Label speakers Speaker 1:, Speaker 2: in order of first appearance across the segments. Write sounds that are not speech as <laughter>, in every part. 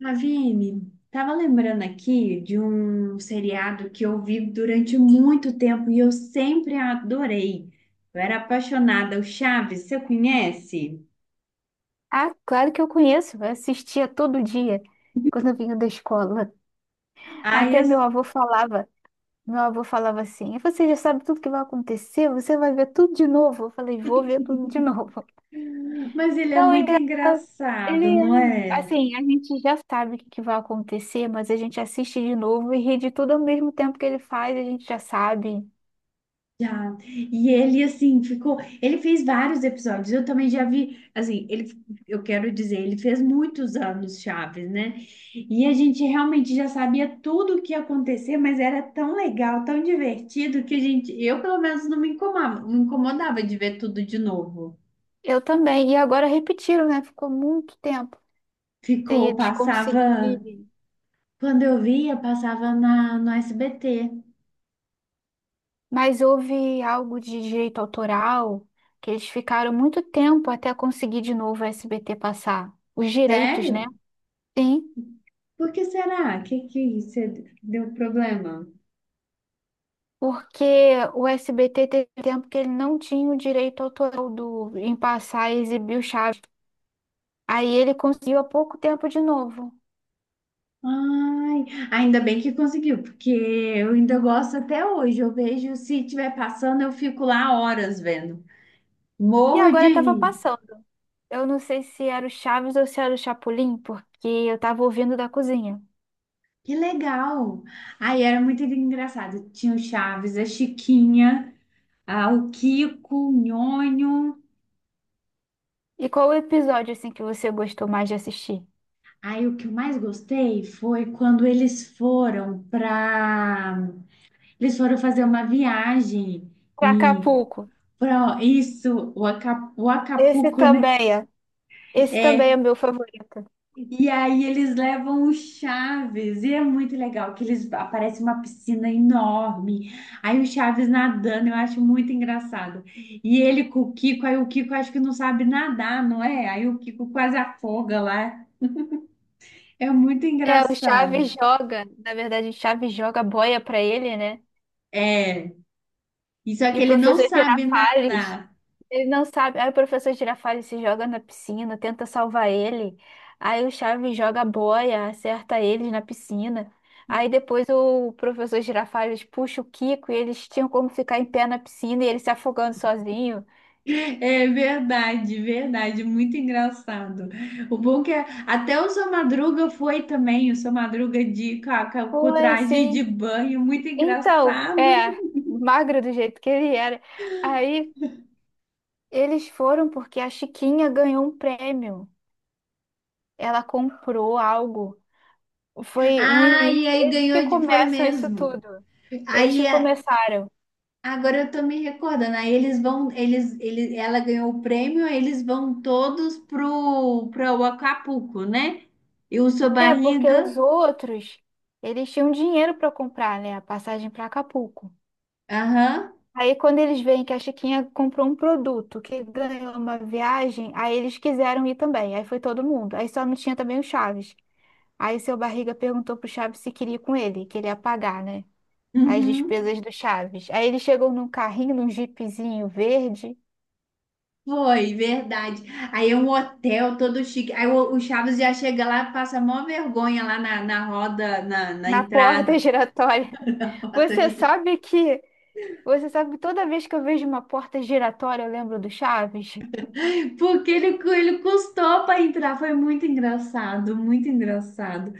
Speaker 1: Ravine, tava lembrando aqui de um seriado que eu vi durante muito tempo e eu sempre adorei. Eu era apaixonada, o Chaves, você conhece?
Speaker 2: Ah, claro que eu conheço. Eu assistia todo dia quando eu vinha da escola.
Speaker 1: Ai,
Speaker 2: Até
Speaker 1: eu-
Speaker 2: meu avô falava assim: "Você já sabe tudo que vai acontecer, você vai ver tudo de novo". Eu falei: "Vou ver tudo de novo". <laughs>
Speaker 1: mas ele é
Speaker 2: Não, é
Speaker 1: muito
Speaker 2: engraçado. Ele,
Speaker 1: engraçado, não
Speaker 2: é-
Speaker 1: é?
Speaker 2: assim, a gente já sabe o que que vai acontecer, mas a gente assiste de novo e ri de tudo ao mesmo tempo que ele faz, a gente já sabe.
Speaker 1: Já. E ele, assim, ficou. Ele fez vários episódios. Eu também já vi. Assim, ele, eu quero dizer, ele fez muitos anos Chaves, né? E a gente realmente já sabia tudo o que ia acontecer, mas era tão legal, tão divertido, que a gente. Eu, pelo menos, não me incomodava, não me incomodava de ver tudo de novo.
Speaker 2: Eu também. E agora repetiram, né? Ficou muito tempo sem
Speaker 1: Ficou,
Speaker 2: eles
Speaker 1: passava.
Speaker 2: conseguirem.
Speaker 1: Quando eu via, passava no SBT.
Speaker 2: Mas houve algo de direito autoral que eles ficaram muito tempo até conseguir de novo o SBT passar. Os direitos, né?
Speaker 1: Sério?
Speaker 2: Sim,
Speaker 1: Por que será? Que você deu problema?
Speaker 2: porque o SBT teve tempo que ele não tinha o direito autoral do, em passar e exibir o Chaves. Aí ele conseguiu há pouco tempo de novo.
Speaker 1: Ai, ainda bem que conseguiu, porque eu ainda gosto até hoje. Eu vejo se estiver passando, eu fico lá horas vendo.
Speaker 2: E
Speaker 1: Morro de
Speaker 2: agora estava
Speaker 1: rir.
Speaker 2: passando. Eu não sei se era o Chaves ou se era o Chapolin, porque eu estava ouvindo da cozinha.
Speaker 1: Que legal! Aí era muito engraçado. Tinha o Chaves, a Chiquinha, o Kiko, o Nhonho.
Speaker 2: E qual o episódio assim que você gostou mais de assistir?
Speaker 1: Aí o que eu mais gostei foi quando eles foram fazer uma viagem
Speaker 2: Pra
Speaker 1: e
Speaker 2: Acapulco.
Speaker 1: pra, isso, o
Speaker 2: Esse
Speaker 1: Acapulco, né?
Speaker 2: também. É. Esse também
Speaker 1: É,
Speaker 2: é meu favorito.
Speaker 1: e aí eles levam o Chaves, e é muito legal que eles aparece uma piscina enorme. Aí o Chaves nadando, eu acho muito engraçado. E ele com o Kiko, aí o Kiko acho que não sabe nadar, não é? Aí o Kiko quase afoga lá. É muito
Speaker 2: É, o Chaves
Speaker 1: engraçado.
Speaker 2: joga, na verdade, o Chaves joga a boia pra ele, né?
Speaker 1: É, e só
Speaker 2: E
Speaker 1: que
Speaker 2: o
Speaker 1: ele não
Speaker 2: professor
Speaker 1: sabe
Speaker 2: Girafales,
Speaker 1: nadar.
Speaker 2: ele não sabe. Aí o professor Girafales se joga na piscina, tenta salvar ele. Aí o Chaves joga a boia, acerta eles na piscina. Aí depois o professor Girafales puxa o Kiko e eles tinham como ficar em pé na piscina e ele se afogando sozinho.
Speaker 1: É verdade, verdade, muito engraçado. O bom que até o seu Madruga foi também, o seu Madruga de com, a- com a- com o
Speaker 2: Foi,
Speaker 1: traje de
Speaker 2: sim.
Speaker 1: banho, muito
Speaker 2: Então,
Speaker 1: engraçado.
Speaker 2: é, magro do jeito que ele era. Aí. Eles foram porque a Chiquinha ganhou um prêmio. Ela comprou algo. Foi no
Speaker 1: Ah, e
Speaker 2: início.
Speaker 1: aí
Speaker 2: Eles que
Speaker 1: ganhou, foi
Speaker 2: começam isso
Speaker 1: mesmo.
Speaker 2: tudo. Eles
Speaker 1: Aí
Speaker 2: que
Speaker 1: é,
Speaker 2: começaram.
Speaker 1: agora eu tô me recordando, aí eles vão, ela ganhou o prêmio, aí eles vão todos pro Acapulco, né? E o seu
Speaker 2: É, porque
Speaker 1: Barriga,
Speaker 2: os outros, eles tinham dinheiro para comprar, né? A passagem para Acapulco.
Speaker 1: aham,
Speaker 2: Aí, quando eles veem que a Chiquinha comprou um produto que ganhou uma viagem, aí eles quiseram ir também. Aí foi todo mundo. Aí só não tinha também o Chaves. Aí seu Barriga perguntou pro Chaves se queria ir com ele, que ele ia pagar, né? As
Speaker 1: uhum.
Speaker 2: despesas do Chaves. Aí eles chegam num carrinho, num jipezinho verde,
Speaker 1: Foi, verdade. Aí é um hotel todo chique. Aí o Chaves já chega lá, passa mó vergonha lá na roda, na
Speaker 2: na porta <laughs>
Speaker 1: entrada.
Speaker 2: giratória. Você
Speaker 1: <laughs>
Speaker 2: sabe que você sabe que toda vez que eu vejo uma porta giratória, eu lembro do Chaves.
Speaker 1: Porque ele, ele custou para entrar. Foi muito engraçado, muito engraçado.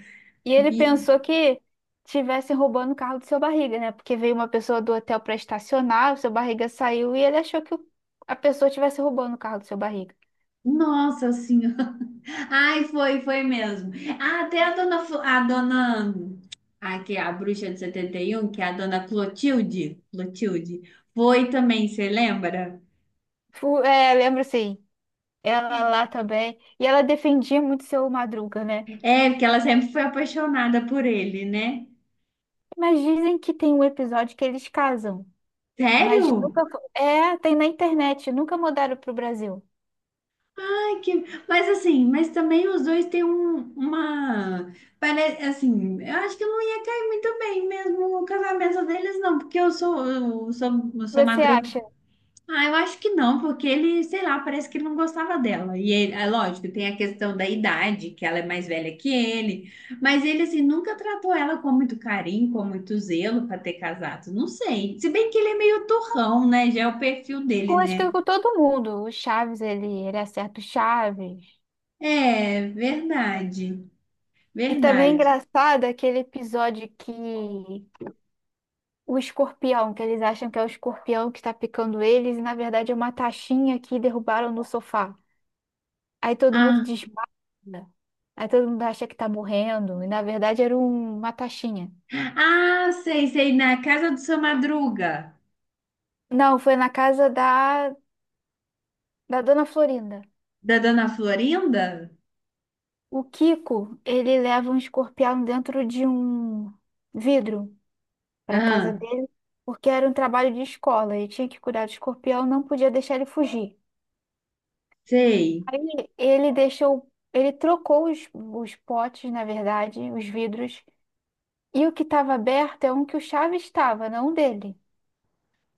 Speaker 2: E ele
Speaker 1: E,
Speaker 2: pensou que tivessem roubando o carro do seu Barriga, né? Porque veio uma pessoa do hotel para estacionar, o seu Barriga saiu e ele achou que a pessoa tivesse roubando o carro do seu Barriga.
Speaker 1: Nossa senhora. Ai, foi mesmo. Ah, até a dona, a dona, que é a bruxa de 71 que é a dona Clotilde, foi também, você lembra?
Speaker 2: É, lembro sim. Ela lá também. E ela defendia muito seu Madruga, né?
Speaker 1: É, porque ela sempre foi apaixonada por ele, né?
Speaker 2: Mas dizem que tem um episódio que eles casam. Mas nunca.
Speaker 1: Sério?
Speaker 2: É, tem na internet, nunca mudaram para o Brasil.
Speaker 1: Ai, que... Mas assim, mas também os dois têm uma... Parece, assim, eu acho que não ia cair muito bem mesmo o casamento deles, não. Porque eu sou
Speaker 2: Você
Speaker 1: madruga.
Speaker 2: acha?
Speaker 1: Ah, eu acho que não, porque ele, sei lá, parece que ele não gostava dela. E ele, é lógico, tem a questão da idade, que ela é mais velha que ele. Mas ele, assim, nunca tratou ela com muito carinho, com muito zelo para ter casado. Não sei. Se bem que ele é meio turrão, né? Já é o perfil dele,
Speaker 2: Com, acho
Speaker 1: né?
Speaker 2: que com todo mundo. O Chaves, ele acerta o Chaves.
Speaker 1: É verdade,
Speaker 2: E também é
Speaker 1: verdade.
Speaker 2: engraçado aquele episódio que o escorpião, que eles acham que é o escorpião que está picando eles, e na verdade é uma taxinha que derrubaram no sofá. Aí todo mundo
Speaker 1: Ah,
Speaker 2: desmaia. Aí todo mundo acha que tá morrendo, e na verdade era uma taxinha.
Speaker 1: ah, sei, sei, na casa do seu Madruga,
Speaker 2: Não, foi na casa da, da Dona Florinda.
Speaker 1: da Dona Florinda?
Speaker 2: O Kiko, ele leva um escorpião dentro de um vidro para casa
Speaker 1: Ah,
Speaker 2: dele, porque era um trabalho de escola, ele tinha que cuidar do escorpião, não podia deixar ele fugir.
Speaker 1: sei,
Speaker 2: Aí ele deixou, ele trocou os potes, na verdade, os vidros, e o que estava aberto é um que o Chaves estava, não o dele.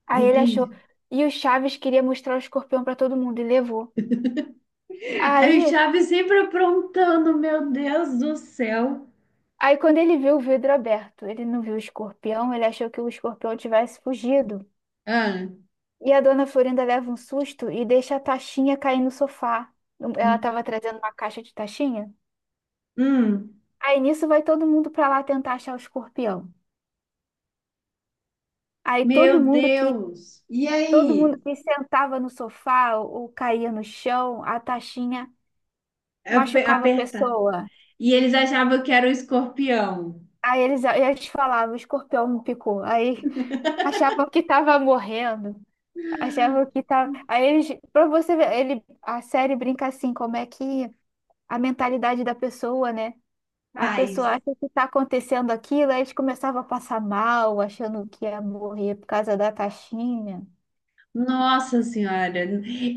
Speaker 2: Aí ele achou,
Speaker 1: entendi.
Speaker 2: e o Chaves queria mostrar o escorpião para todo mundo e levou.
Speaker 1: Aí o
Speaker 2: Aí,
Speaker 1: Chaves sempre aprontando, meu Deus do céu.
Speaker 2: aí, quando ele viu o vidro aberto, ele não viu o escorpião, ele achou que o escorpião tivesse fugido.
Speaker 1: Ah,
Speaker 2: E a Dona Florinda leva um susto e deixa a taxinha cair no sofá. Ela estava trazendo uma caixa de taxinha.
Speaker 1: hum,
Speaker 2: Aí nisso vai todo mundo para lá tentar achar o escorpião. Aí todo
Speaker 1: meu
Speaker 2: mundo que
Speaker 1: Deus. E
Speaker 2: todo
Speaker 1: aí?
Speaker 2: mundo que sentava no sofá ou caía no chão, a taxinha machucava a
Speaker 1: Aperta.
Speaker 2: pessoa.
Speaker 1: E eles achavam que era o escorpião.
Speaker 2: Aí eles falavam, o escorpião me picou. Aí achavam que estava morrendo. Achavam que tava. Aí eles, para você ver, ele, a série brinca assim, como é que a mentalidade da pessoa, né? A pessoa
Speaker 1: Paz.
Speaker 2: acha que está acontecendo aquilo, aí a gente começava a passar mal, achando que ia morrer por causa da taxinha.
Speaker 1: Nossa Senhora,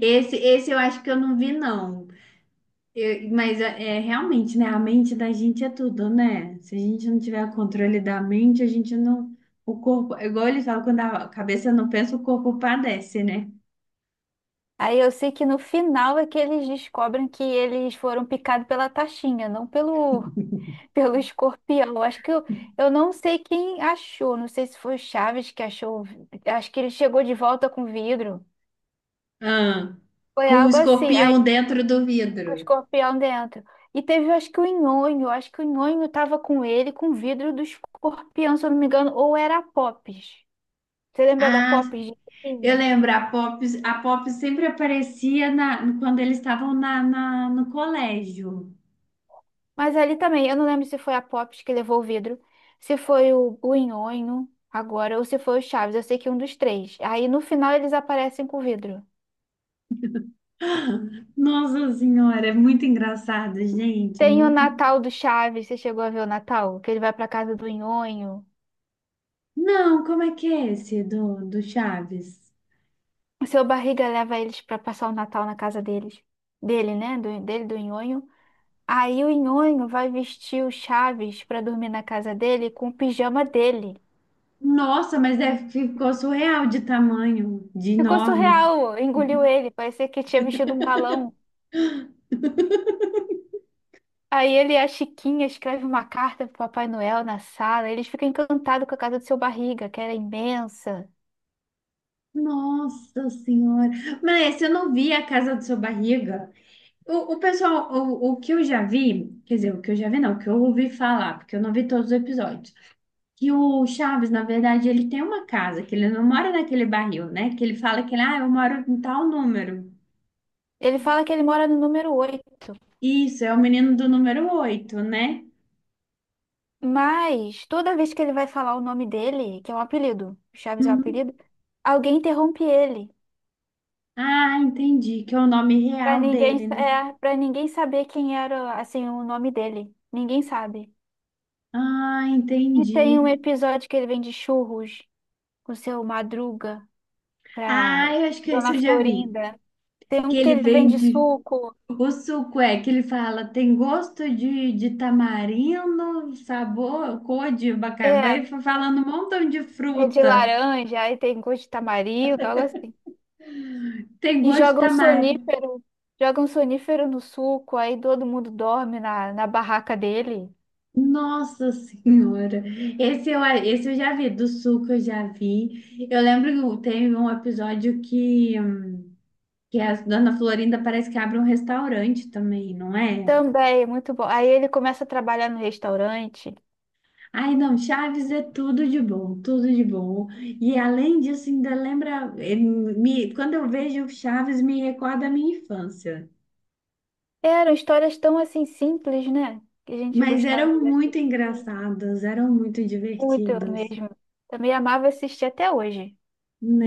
Speaker 1: esse eu acho que eu não vi, não. Mas é realmente, né? A mente da gente é tudo, né? Se a gente não tiver controle da mente, a gente não. O corpo, é igual eles falam, quando a cabeça não pensa, o corpo padece, né?
Speaker 2: Aí eu sei que no final é que eles descobrem que eles foram picados pela taxinha, não pelo, <laughs> pelo escorpião. Acho que eu não sei quem achou, não sei se foi o Chaves que achou, o acho que ele chegou de volta com vidro.
Speaker 1: Ah,
Speaker 2: Foi
Speaker 1: com o
Speaker 2: algo assim, aí
Speaker 1: escorpião dentro do
Speaker 2: com o
Speaker 1: vidro.
Speaker 2: escorpião dentro. E teve, acho que o Nhonho, acho que o Nhonho tava com ele, com o vidro do escorpião, se eu não me engano, ou era a Popes. Você lembra da
Speaker 1: Ah,
Speaker 2: Pops de
Speaker 1: eu
Speaker 2: Tinha?
Speaker 1: lembro, a Pop sempre aparecia na, quando eles estavam no colégio.
Speaker 2: Mas ali também, eu não lembro se foi a Pops que levou o vidro, se foi o Nhonho agora, ou se foi o Chaves. Eu sei que é um dos três. Aí no final eles aparecem com o vidro.
Speaker 1: Nossa Senhora, é muito engraçado, gente.
Speaker 2: Tem o
Speaker 1: Muito.
Speaker 2: Natal do Chaves, você chegou a ver o Natal? Que ele vai pra casa do Nhonho.
Speaker 1: Não, como é que é esse do Chaves?
Speaker 2: O seu Barriga leva eles pra passar o Natal na casa deles. Dele, né? Do, dele, do Nhonho. Aí o Nhonho vai vestir o Chaves pra dormir na casa dele com o pijama dele.
Speaker 1: Nossa, mas deve ficou surreal de tamanho, de
Speaker 2: Ficou
Speaker 1: enorme.
Speaker 2: surreal, engoliu ele, parecia que tinha vestido um balão. Aí ele e a Chiquinha escreve uma carta pro Papai Noel na sala. Eles ficam encantados com a casa do seu Barriga, que era imensa.
Speaker 1: Nossa Senhora. Mas eu não vi a casa do seu barriga. O pessoal, o que eu já vi, quer dizer, o que eu já vi não, o que eu ouvi falar, porque eu não vi todos os episódios, que o Chaves, na verdade, ele tem uma casa, que ele não mora naquele barril, né? Que ele fala que ele, ah, eu moro em tal número.
Speaker 2: Ele fala que ele mora no número 8.
Speaker 1: Isso, é o menino do número 8, né?
Speaker 2: Mas toda vez que ele vai falar o nome dele, que é um apelido, Chaves é um
Speaker 1: Uhum.
Speaker 2: apelido, alguém interrompe ele.
Speaker 1: Ah, entendi, que é o nome
Speaker 2: Pra
Speaker 1: real
Speaker 2: ninguém,
Speaker 1: dele, né?
Speaker 2: é, para ninguém saber quem era, assim, o nome dele. Ninguém sabe.
Speaker 1: Ah,
Speaker 2: E tem
Speaker 1: entendi.
Speaker 2: um episódio que ele vende churros com seu Madruga pra
Speaker 1: Ah, eu acho que esse
Speaker 2: Dona
Speaker 1: eu já vi.
Speaker 2: Florinda. Tem um
Speaker 1: Que
Speaker 2: que
Speaker 1: ele
Speaker 2: ele vende
Speaker 1: vende.
Speaker 2: suco.
Speaker 1: O suco é que ele fala, tem gosto de tamarindo, sabor, cor de abacaxi.
Speaker 2: É,
Speaker 1: Vai falando um montão de
Speaker 2: É de
Speaker 1: fruta.
Speaker 2: laranja, aí tem gosto de tamarindo, algo assim.
Speaker 1: Tem
Speaker 2: E
Speaker 1: gosto de tamarindo.
Speaker 2: joga um sonífero no suco, aí todo mundo dorme na, na barraca dele.
Speaker 1: Nossa Senhora! Esse eu já vi, do suco eu já vi. Eu lembro que tem um episódio que a Dona Florinda parece que abre um restaurante também, não é?
Speaker 2: Também, muito bom. Aí ele começa a trabalhar no restaurante.
Speaker 1: Ai, não, Chaves é tudo de bom, tudo de bom. E além disso, ainda lembra, quando eu vejo Chaves, me recorda a minha infância.
Speaker 2: Eram histórias tão assim simples, né? Que a gente
Speaker 1: Mas
Speaker 2: gostava
Speaker 1: eram
Speaker 2: de
Speaker 1: muito
Speaker 2: assistir.
Speaker 1: engraçados, eram muito
Speaker 2: Muito
Speaker 1: divertidos,
Speaker 2: mesmo. Também amava assistir até hoje.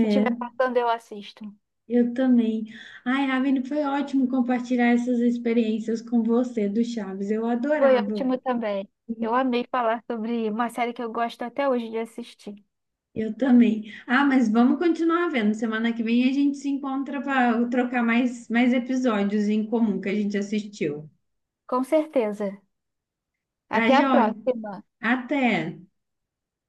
Speaker 2: Se tiver passando, eu assisto.
Speaker 1: Eu também. Ai, Ravine, foi ótimo compartilhar essas experiências com você do Chaves. Eu
Speaker 2: Foi
Speaker 1: adorava.
Speaker 2: ótimo também. Eu amei falar sobre uma série que eu gosto até hoje de assistir.
Speaker 1: Eu também. Ah, mas vamos continuar vendo. Semana que vem a gente se encontra para trocar mais episódios em comum que a gente assistiu.
Speaker 2: Com certeza.
Speaker 1: Tá,
Speaker 2: Até a
Speaker 1: joia?
Speaker 2: próxima.
Speaker 1: Até.